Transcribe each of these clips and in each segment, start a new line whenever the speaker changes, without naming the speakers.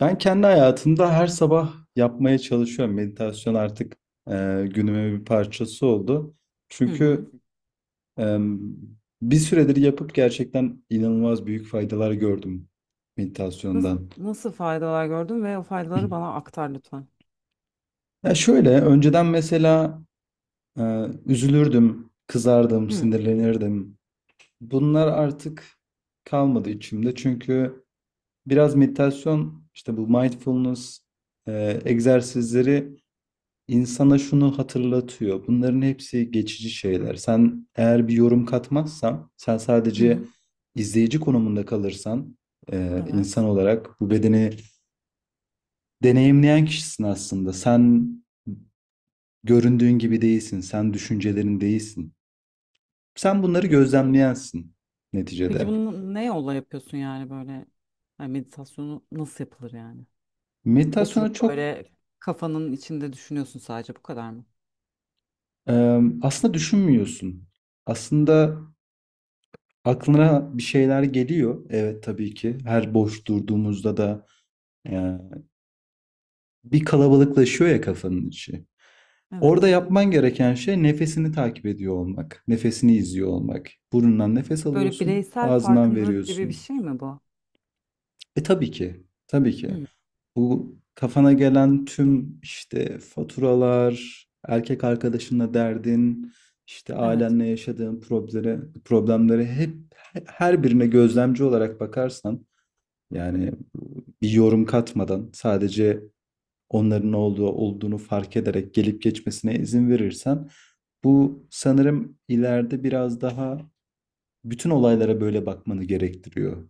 Ben kendi hayatımda her sabah yapmaya çalışıyorum. Meditasyon artık günümün bir parçası oldu.
Hı hı.
Çünkü e, bir süredir yapıp gerçekten inanılmaz büyük faydalar gördüm
Nasıl,
meditasyondan.
nasıl faydalar gördün ve o faydaları bana aktar lütfen.
Ya şöyle, önceden mesela e, üzülürdüm, kızardım,
Hı
sinirlenirdim. Bunlar artık kalmadı içimde. Çünkü biraz meditasyon, işte bu mindfulness egzersizleri insana şunu hatırlatıyor. Bunların hepsi geçici şeyler. Sen eğer bir yorum katmazsan, sen
hı.
sadece
Hı.
izleyici konumunda kalırsan, insan
Evet.
olarak bu bedeni deneyimleyen kişisin aslında. Sen göründüğün gibi değilsin, sen düşüncelerin değilsin. Sen bunları
E,
gözlemleyensin
Peki
neticede.
bunu ne yolla yapıyorsun yani böyle yani meditasyonu nasıl yapılır yani?
Meditasyona
Oturup
çok
böyle kafanın içinde düşünüyorsun sadece bu kadar mı?
e, aslında düşünmüyorsun. Aslında aklına bir şeyler geliyor. Evet tabii ki. Her boş durduğumuzda da e, bir kalabalıklaşıyor ya kafanın içi.
Evet.
Orada yapman gereken şey nefesini takip ediyor olmak. Nefesini izliyor olmak. Burnundan nefes
Böyle
alıyorsun,
bireysel
ağzından
farkındalık gibi bir
veriyorsun.
şey mi bu?
E tabii ki, tabii ki.
Hı.
Bu kafana gelen tüm işte faturalar, erkek arkadaşınla derdin, işte
Evet.
ailenle yaşadığın problemlere hep her birine gözlemci olarak bakarsan yani bir yorum katmadan sadece onların ne olduğunu fark ederek gelip geçmesine izin verirsen bu sanırım ileride biraz daha bütün olaylara böyle bakmanı gerektiriyor.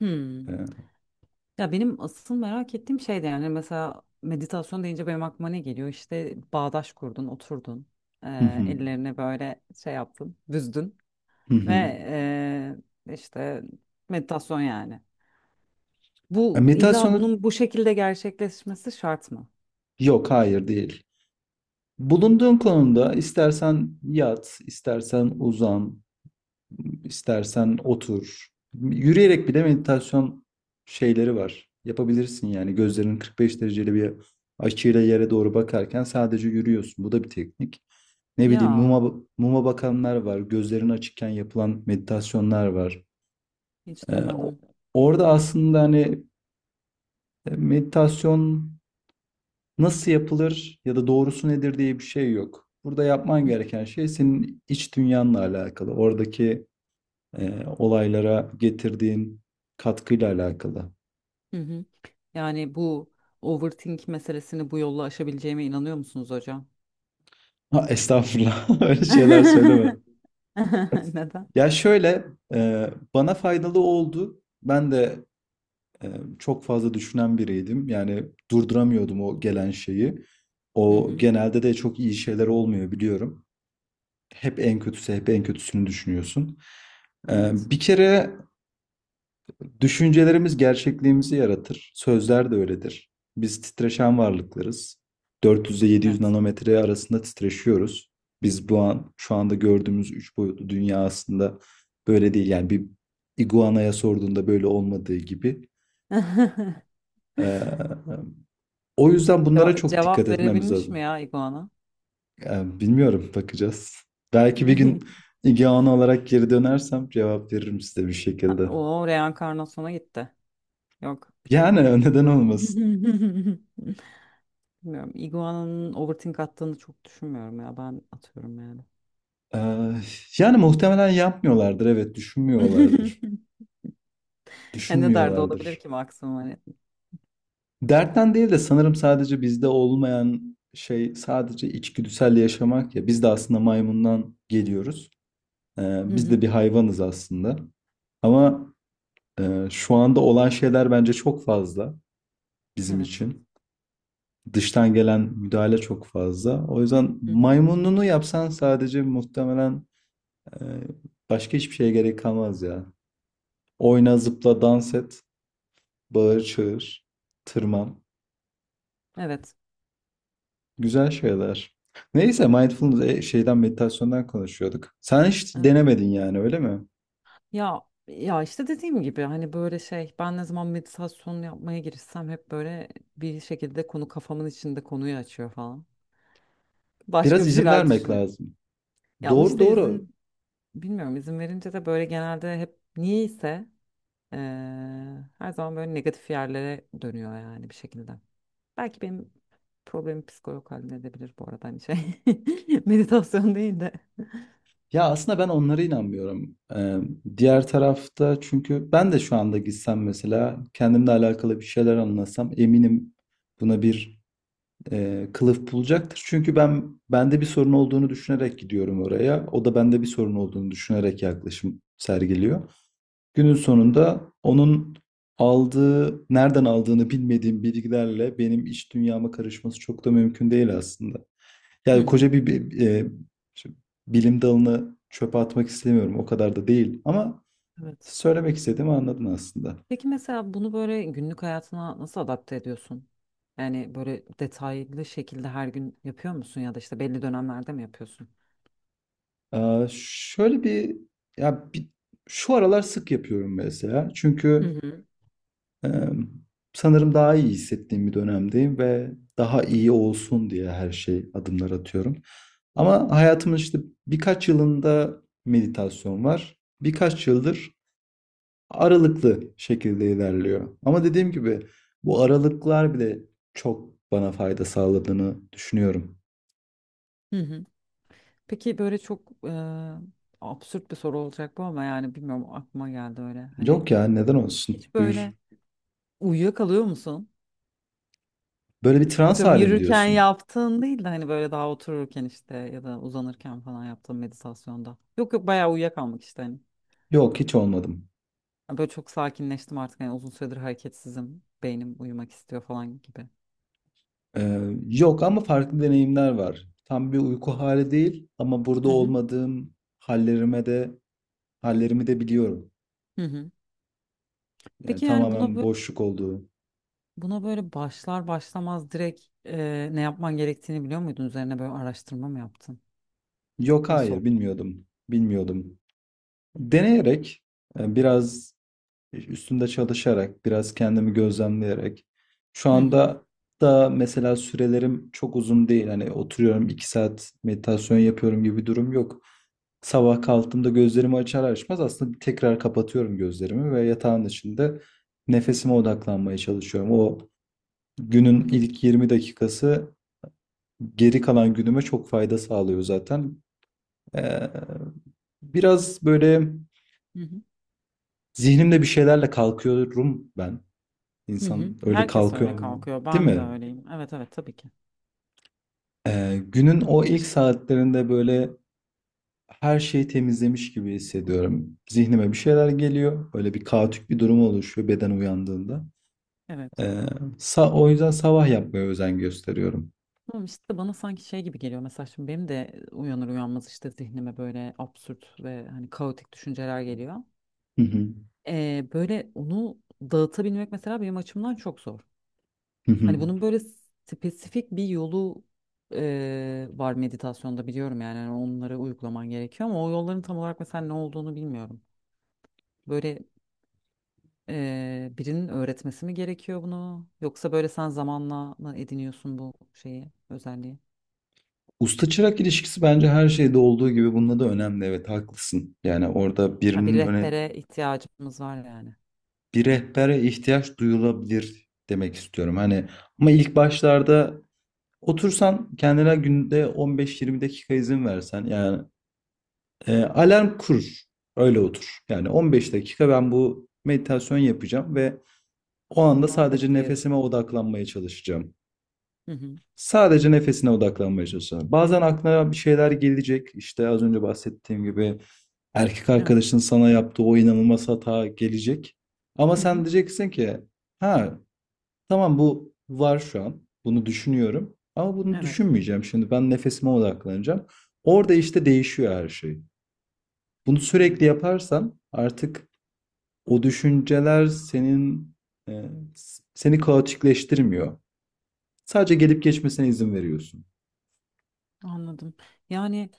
Hı.
Hı
Ya benim asıl merak ettiğim şey de yani mesela meditasyon deyince benim aklıma ne geliyor? İşte bağdaş kurdun, oturdun,
hı,
ellerine böyle şey yaptın, büzdün.
hı
Ve
hı.
işte meditasyon yani.
E,
Bu illa
meditasyonu
bunun bu şekilde gerçekleşmesi şart mı?
yok hayır değil. Bulunduğun konumda istersen yat, istersen uzan, istersen otur. Yürüyerek bile meditasyon şeyleri var. Yapabilirsin yani gözlerin 45 dereceli bir açıyla yere doğru bakarken sadece yürüyorsun. Bu da bir teknik. Ne bileyim
Ya
muma bakanlar var, gözlerin açıkken yapılan meditasyonlar var.
hiç
Ee, o-
duymadım.
orada aslında hani meditasyon nasıl yapılır ya da doğrusu nedir diye bir şey yok. Burada yapman
Hı
gereken şey senin iç dünyanla alakalı, oradaki olaylara getirdiğin katkıyla alakalı.
hı. Hı. Yani bu overthink meselesini bu yolla aşabileceğime inanıyor musunuz hocam?
Ha, estağfurullah, öyle şeyler söyleme.
Neden?
Ya şöyle, bana faydalı oldu. Ben de e, çok fazla düşünen biriydim. Yani durduramıyordum o gelen şeyi.
Hı
O
hı.
genelde de çok iyi şeyler olmuyor biliyorum. Hep en kötüsü, hep en kötüsünü düşünüyorsun. E,
Evet.
bir kere düşüncelerimiz gerçekliğimizi yaratır. Sözler de öyledir. Biz titreşen varlıklarız. 400 ile 700
Evet.
nanometre arasında titreşiyoruz. Biz bu an şu anda gördüğümüz üç boyutlu dünya aslında böyle değil. Yani bir iguanaya sorduğunda böyle olmadığı gibi. Ee, O yüzden bunlara
Ce-
çok dikkat
cevap
etmemiz
verebilmiş mi
lazım.
ya iguana?
Yani bilmiyorum, bakacağız. Belki bir gün ilgi alanı olarak geri dönersem cevap veririm size bir şekilde.
O reenkarnasyona gitti. Yok.
Yani neden olmasın?
Bilmiyorum. Iguana'nın overthink attığını çok düşünmüyorum ya. Ben atıyorum yani.
Ee, yani muhtemelen yapmıyorlardır, evet düşünmüyorlardır.
Ne derdi olabilir
Düşünmüyorlardır.
ki maksimum hani.
Dertten değil de sanırım sadece bizde olmayan şey sadece içgüdüsel yaşamak ya. Biz de aslında maymundan geliyoruz.
Hı
Biz de
hı.
bir hayvanız aslında. Ama şu anda olan şeyler bence çok fazla bizim
Evet.
için. Dıştan gelen müdahale çok fazla. O yüzden
Hı hı.
maymununu yapsan sadece muhtemelen e, başka hiçbir şeye gerek kalmaz ya. Oyna, zıpla, dans et, bağır, çağır, tırman.
Evet.
Güzel şeyler. Neyse mindfulness şeyden meditasyondan konuşuyorduk. Sen hiç
Evet.
denemedin yani öyle mi?
Ya ya işte dediğim gibi hani böyle şey ben ne zaman meditasyon yapmaya girişsem hep böyle bir şekilde konu kafamın içinde konuyu açıyor falan. Başka
Biraz
bir
izin
şeyler
vermek
düşünüyorum.
lazım.
Ya ama
Doğru
işte
doğru.
bilmiyorum, izin verince de böyle genelde hep niyeyse eee, her zaman böyle negatif yerlere dönüyor yani bir şekilde. Belki benim problemi psikolog halledebilir bu arada hani şey. Meditasyon değil de.
Ya aslında ben onlara inanmıyorum. Diğer tarafta çünkü ben de şu anda gitsem mesela kendimle alakalı bir şeyler anlasam eminim buna bir kılıf bulacaktır. Çünkü ben bende bir sorun olduğunu düşünerek gidiyorum oraya. O da bende bir sorun olduğunu düşünerek yaklaşım sergiliyor. Günün sonunda onun aldığı, nereden aldığını bilmediğim bilgilerle benim iç dünyama karışması çok da mümkün değil aslında.
Hı
Yani
hı.
koca bir, şimdi bilim dalını çöpe atmak istemiyorum. O kadar da değil. Ama
Evet.
söylemek istediğimi anladın aslında.
Peki mesela bunu böyle günlük hayatına nasıl adapte ediyorsun? Yani böyle detaylı şekilde her gün yapıyor musun ya da işte belli dönemlerde mi yapıyorsun?
Şöyle bir ya bir, şu aralar sık yapıyorum mesela.
Hı
Çünkü
hı.
e, sanırım daha iyi hissettiğim bir dönemdeyim ve daha iyi olsun diye her şey adımlar atıyorum. Ama hayatımın işte birkaç yılında meditasyon var. Birkaç yıldır aralıklı şekilde ilerliyor. Ama dediğim gibi bu aralıklar bile çok bana fayda sağladığını düşünüyorum.
Hı hı. Peki böyle çok absürt bir soru olacak bu ama yani bilmiyorum aklıma geldi öyle. Hani
Yok ya neden olsun?
hiç
Buyur.
böyle uyuyakalıyor musun?
Böyle bir trans
Atıyorum
halim
yürürken
diyorsun.
yaptığın değil de hani böyle daha otururken işte ya da uzanırken falan yaptığın meditasyonda. Yok, yok, bayağı uyuyakalmak işte hani.
Yok hiç olmadım.
Yani böyle çok sakinleştim artık hani uzun süredir hareketsizim. Beynim uyumak istiyor falan gibi.
Ee, yok ama farklı deneyimler var. Tam bir uyku hali değil ama burada
Hı hı.
olmadığım hallerime de hallerimi de biliyorum.
Hı hı.
Yani
Peki yani buna
tamamen
böyle,
boşluk olduğu.
buna böyle başlar başlamaz direkt ne yapman gerektiğini biliyor muydun? Üzerine böyle araştırma mı yaptın?
Yok
Nasıl
hayır
oldu?
bilmiyordum. Bilmiyordum. Deneyerek biraz üstünde çalışarak, biraz kendimi gözlemleyerek. Şu
Hı hı.
anda da mesela sürelerim çok uzun değil. Hani oturuyorum iki saat meditasyon yapıyorum gibi bir durum yok. Sabah kalktığımda gözlerimi açar açmaz aslında tekrar kapatıyorum gözlerimi ve yatağın içinde nefesime odaklanmaya çalışıyorum. O günün ilk 20 dakikası geri kalan günüme çok fayda sağlıyor zaten. Ee, biraz böyle
Hı hı.
zihnimde bir şeylerle kalkıyorum ben.
Hı hı.
İnsan öyle
Herkes öyle
kalkıyor,
kalkıyor.
değil
Ben de
mi?
öyleyim. Evet, evet, tabii ki.
Günün o ilk saatlerinde böyle her şeyi temizlemiş gibi hissediyorum. Zihnime bir şeyler geliyor. Böyle bir kaotik bir durum oluşuyor beden uyandığında. Ee,
Evet.
o yüzden sabah yapmaya özen gösteriyorum.
Tamam, işte bana sanki şey gibi geliyor, mesela şimdi benim de uyanır uyanmaz işte zihnime böyle absürt ve hani kaotik düşünceler geliyor.
Hı hı.
Böyle onu dağıtabilmek mesela benim açımdan çok zor.
Hı hı.
Hani bunun böyle spesifik bir yolu var meditasyonda, biliyorum yani hani onları uygulaman gerekiyor ama o yolların tam olarak mesela ne olduğunu bilmiyorum. Böyle birinin öğretmesi mi gerekiyor bunu, yoksa böyle sen zamanla mı ediniyorsun bu şeyi, özelliği?
Usta çırak ilişkisi bence her şeyde olduğu gibi bunda da önemli. Evet haklısın. Yani orada
Ha, bir
birinin öne
rehbere ihtiyacımız var yani.
bir rehbere ihtiyaç duyulabilir demek istiyorum. Hani ama ilk
Hmm.
başlarda otursan kendine günde 15-20 dakika izin versen yani alarm kur. Öyle otur. Yani 15 dakika ben bu meditasyon yapacağım ve o anda
Buna
sadece
vakit
nefesime
ayıracağım.
odaklanmaya çalışacağım.
Hı hı.
Sadece nefesine odaklanmaya çalışacağım. Bazen aklına bir şeyler gelecek. İşte az önce bahsettiğim gibi erkek
Evet.
arkadaşın sana yaptığı o inanılmaz hata gelecek. Ama
Hı hı.
sen diyeceksin ki ha, tamam bu var şu an. Bunu düşünüyorum. Ama bunu
Evet.
düşünmeyeceğim şimdi. Ben nefesime odaklanacağım. Orada işte değişiyor her şey. Bunu
Hmm.
sürekli yaparsan artık o düşünceler senin seni kaotikleştirmiyor. Sadece gelip geçmesine izin veriyorsun.
Anladım. Yani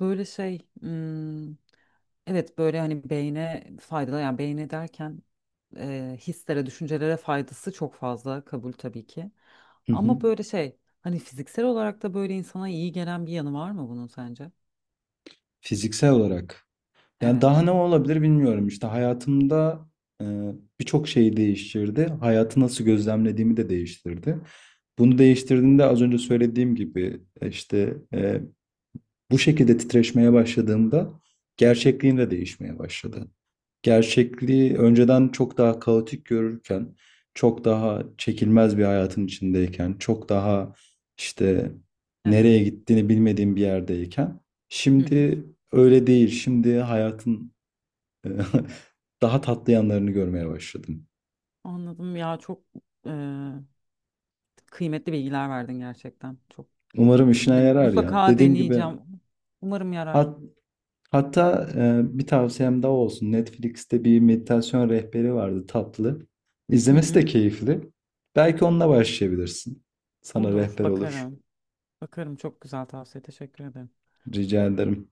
böyle şey, evet böyle hani beyne faydalı, yani beyne derken hislere, düşüncelere faydası çok fazla, kabul tabii ki.
Hı hı.
Ama böyle şey, hani fiziksel olarak da böyle insana iyi gelen bir yanı var mı bunun sence?
Fiziksel olarak. Yani daha
Evet.
ne olabilir bilmiyorum. İşte hayatımda e, birçok şeyi değiştirdi. Hayatı nasıl gözlemlediğimi de değiştirdi. Bunu değiştirdiğinde az önce söylediğim gibi işte bu şekilde titreşmeye başladığımda gerçekliğim de değişmeye başladı. Gerçekliği önceden çok daha kaotik görürken, çok daha çekilmez bir hayatın içindeyken, çok daha işte nereye
Evet.
gittiğini bilmediğim bir yerdeyken,
Hı hı.
şimdi öyle değil. Şimdi hayatın Eee, daha tatlı yanlarını görmeye başladım.
Anladım ya, çok e, kıymetli bilgiler verdin gerçekten. Çok.
Umarım işine
Ben
yarar ya.
mutlaka
Dediğim gibi
deneyeceğim. Umarım yarar.
hat, hatta bir tavsiyem daha olsun. Netflix'te bir meditasyon rehberi vardı tatlı.
Hı
İzlemesi de
hı.
keyifli. Belki onunla başlayabilirsin. Sana
Olur,
rehber olur.
bakarım. Bakarım, çok güzel tavsiye. Teşekkür ederim.
Rica ederim.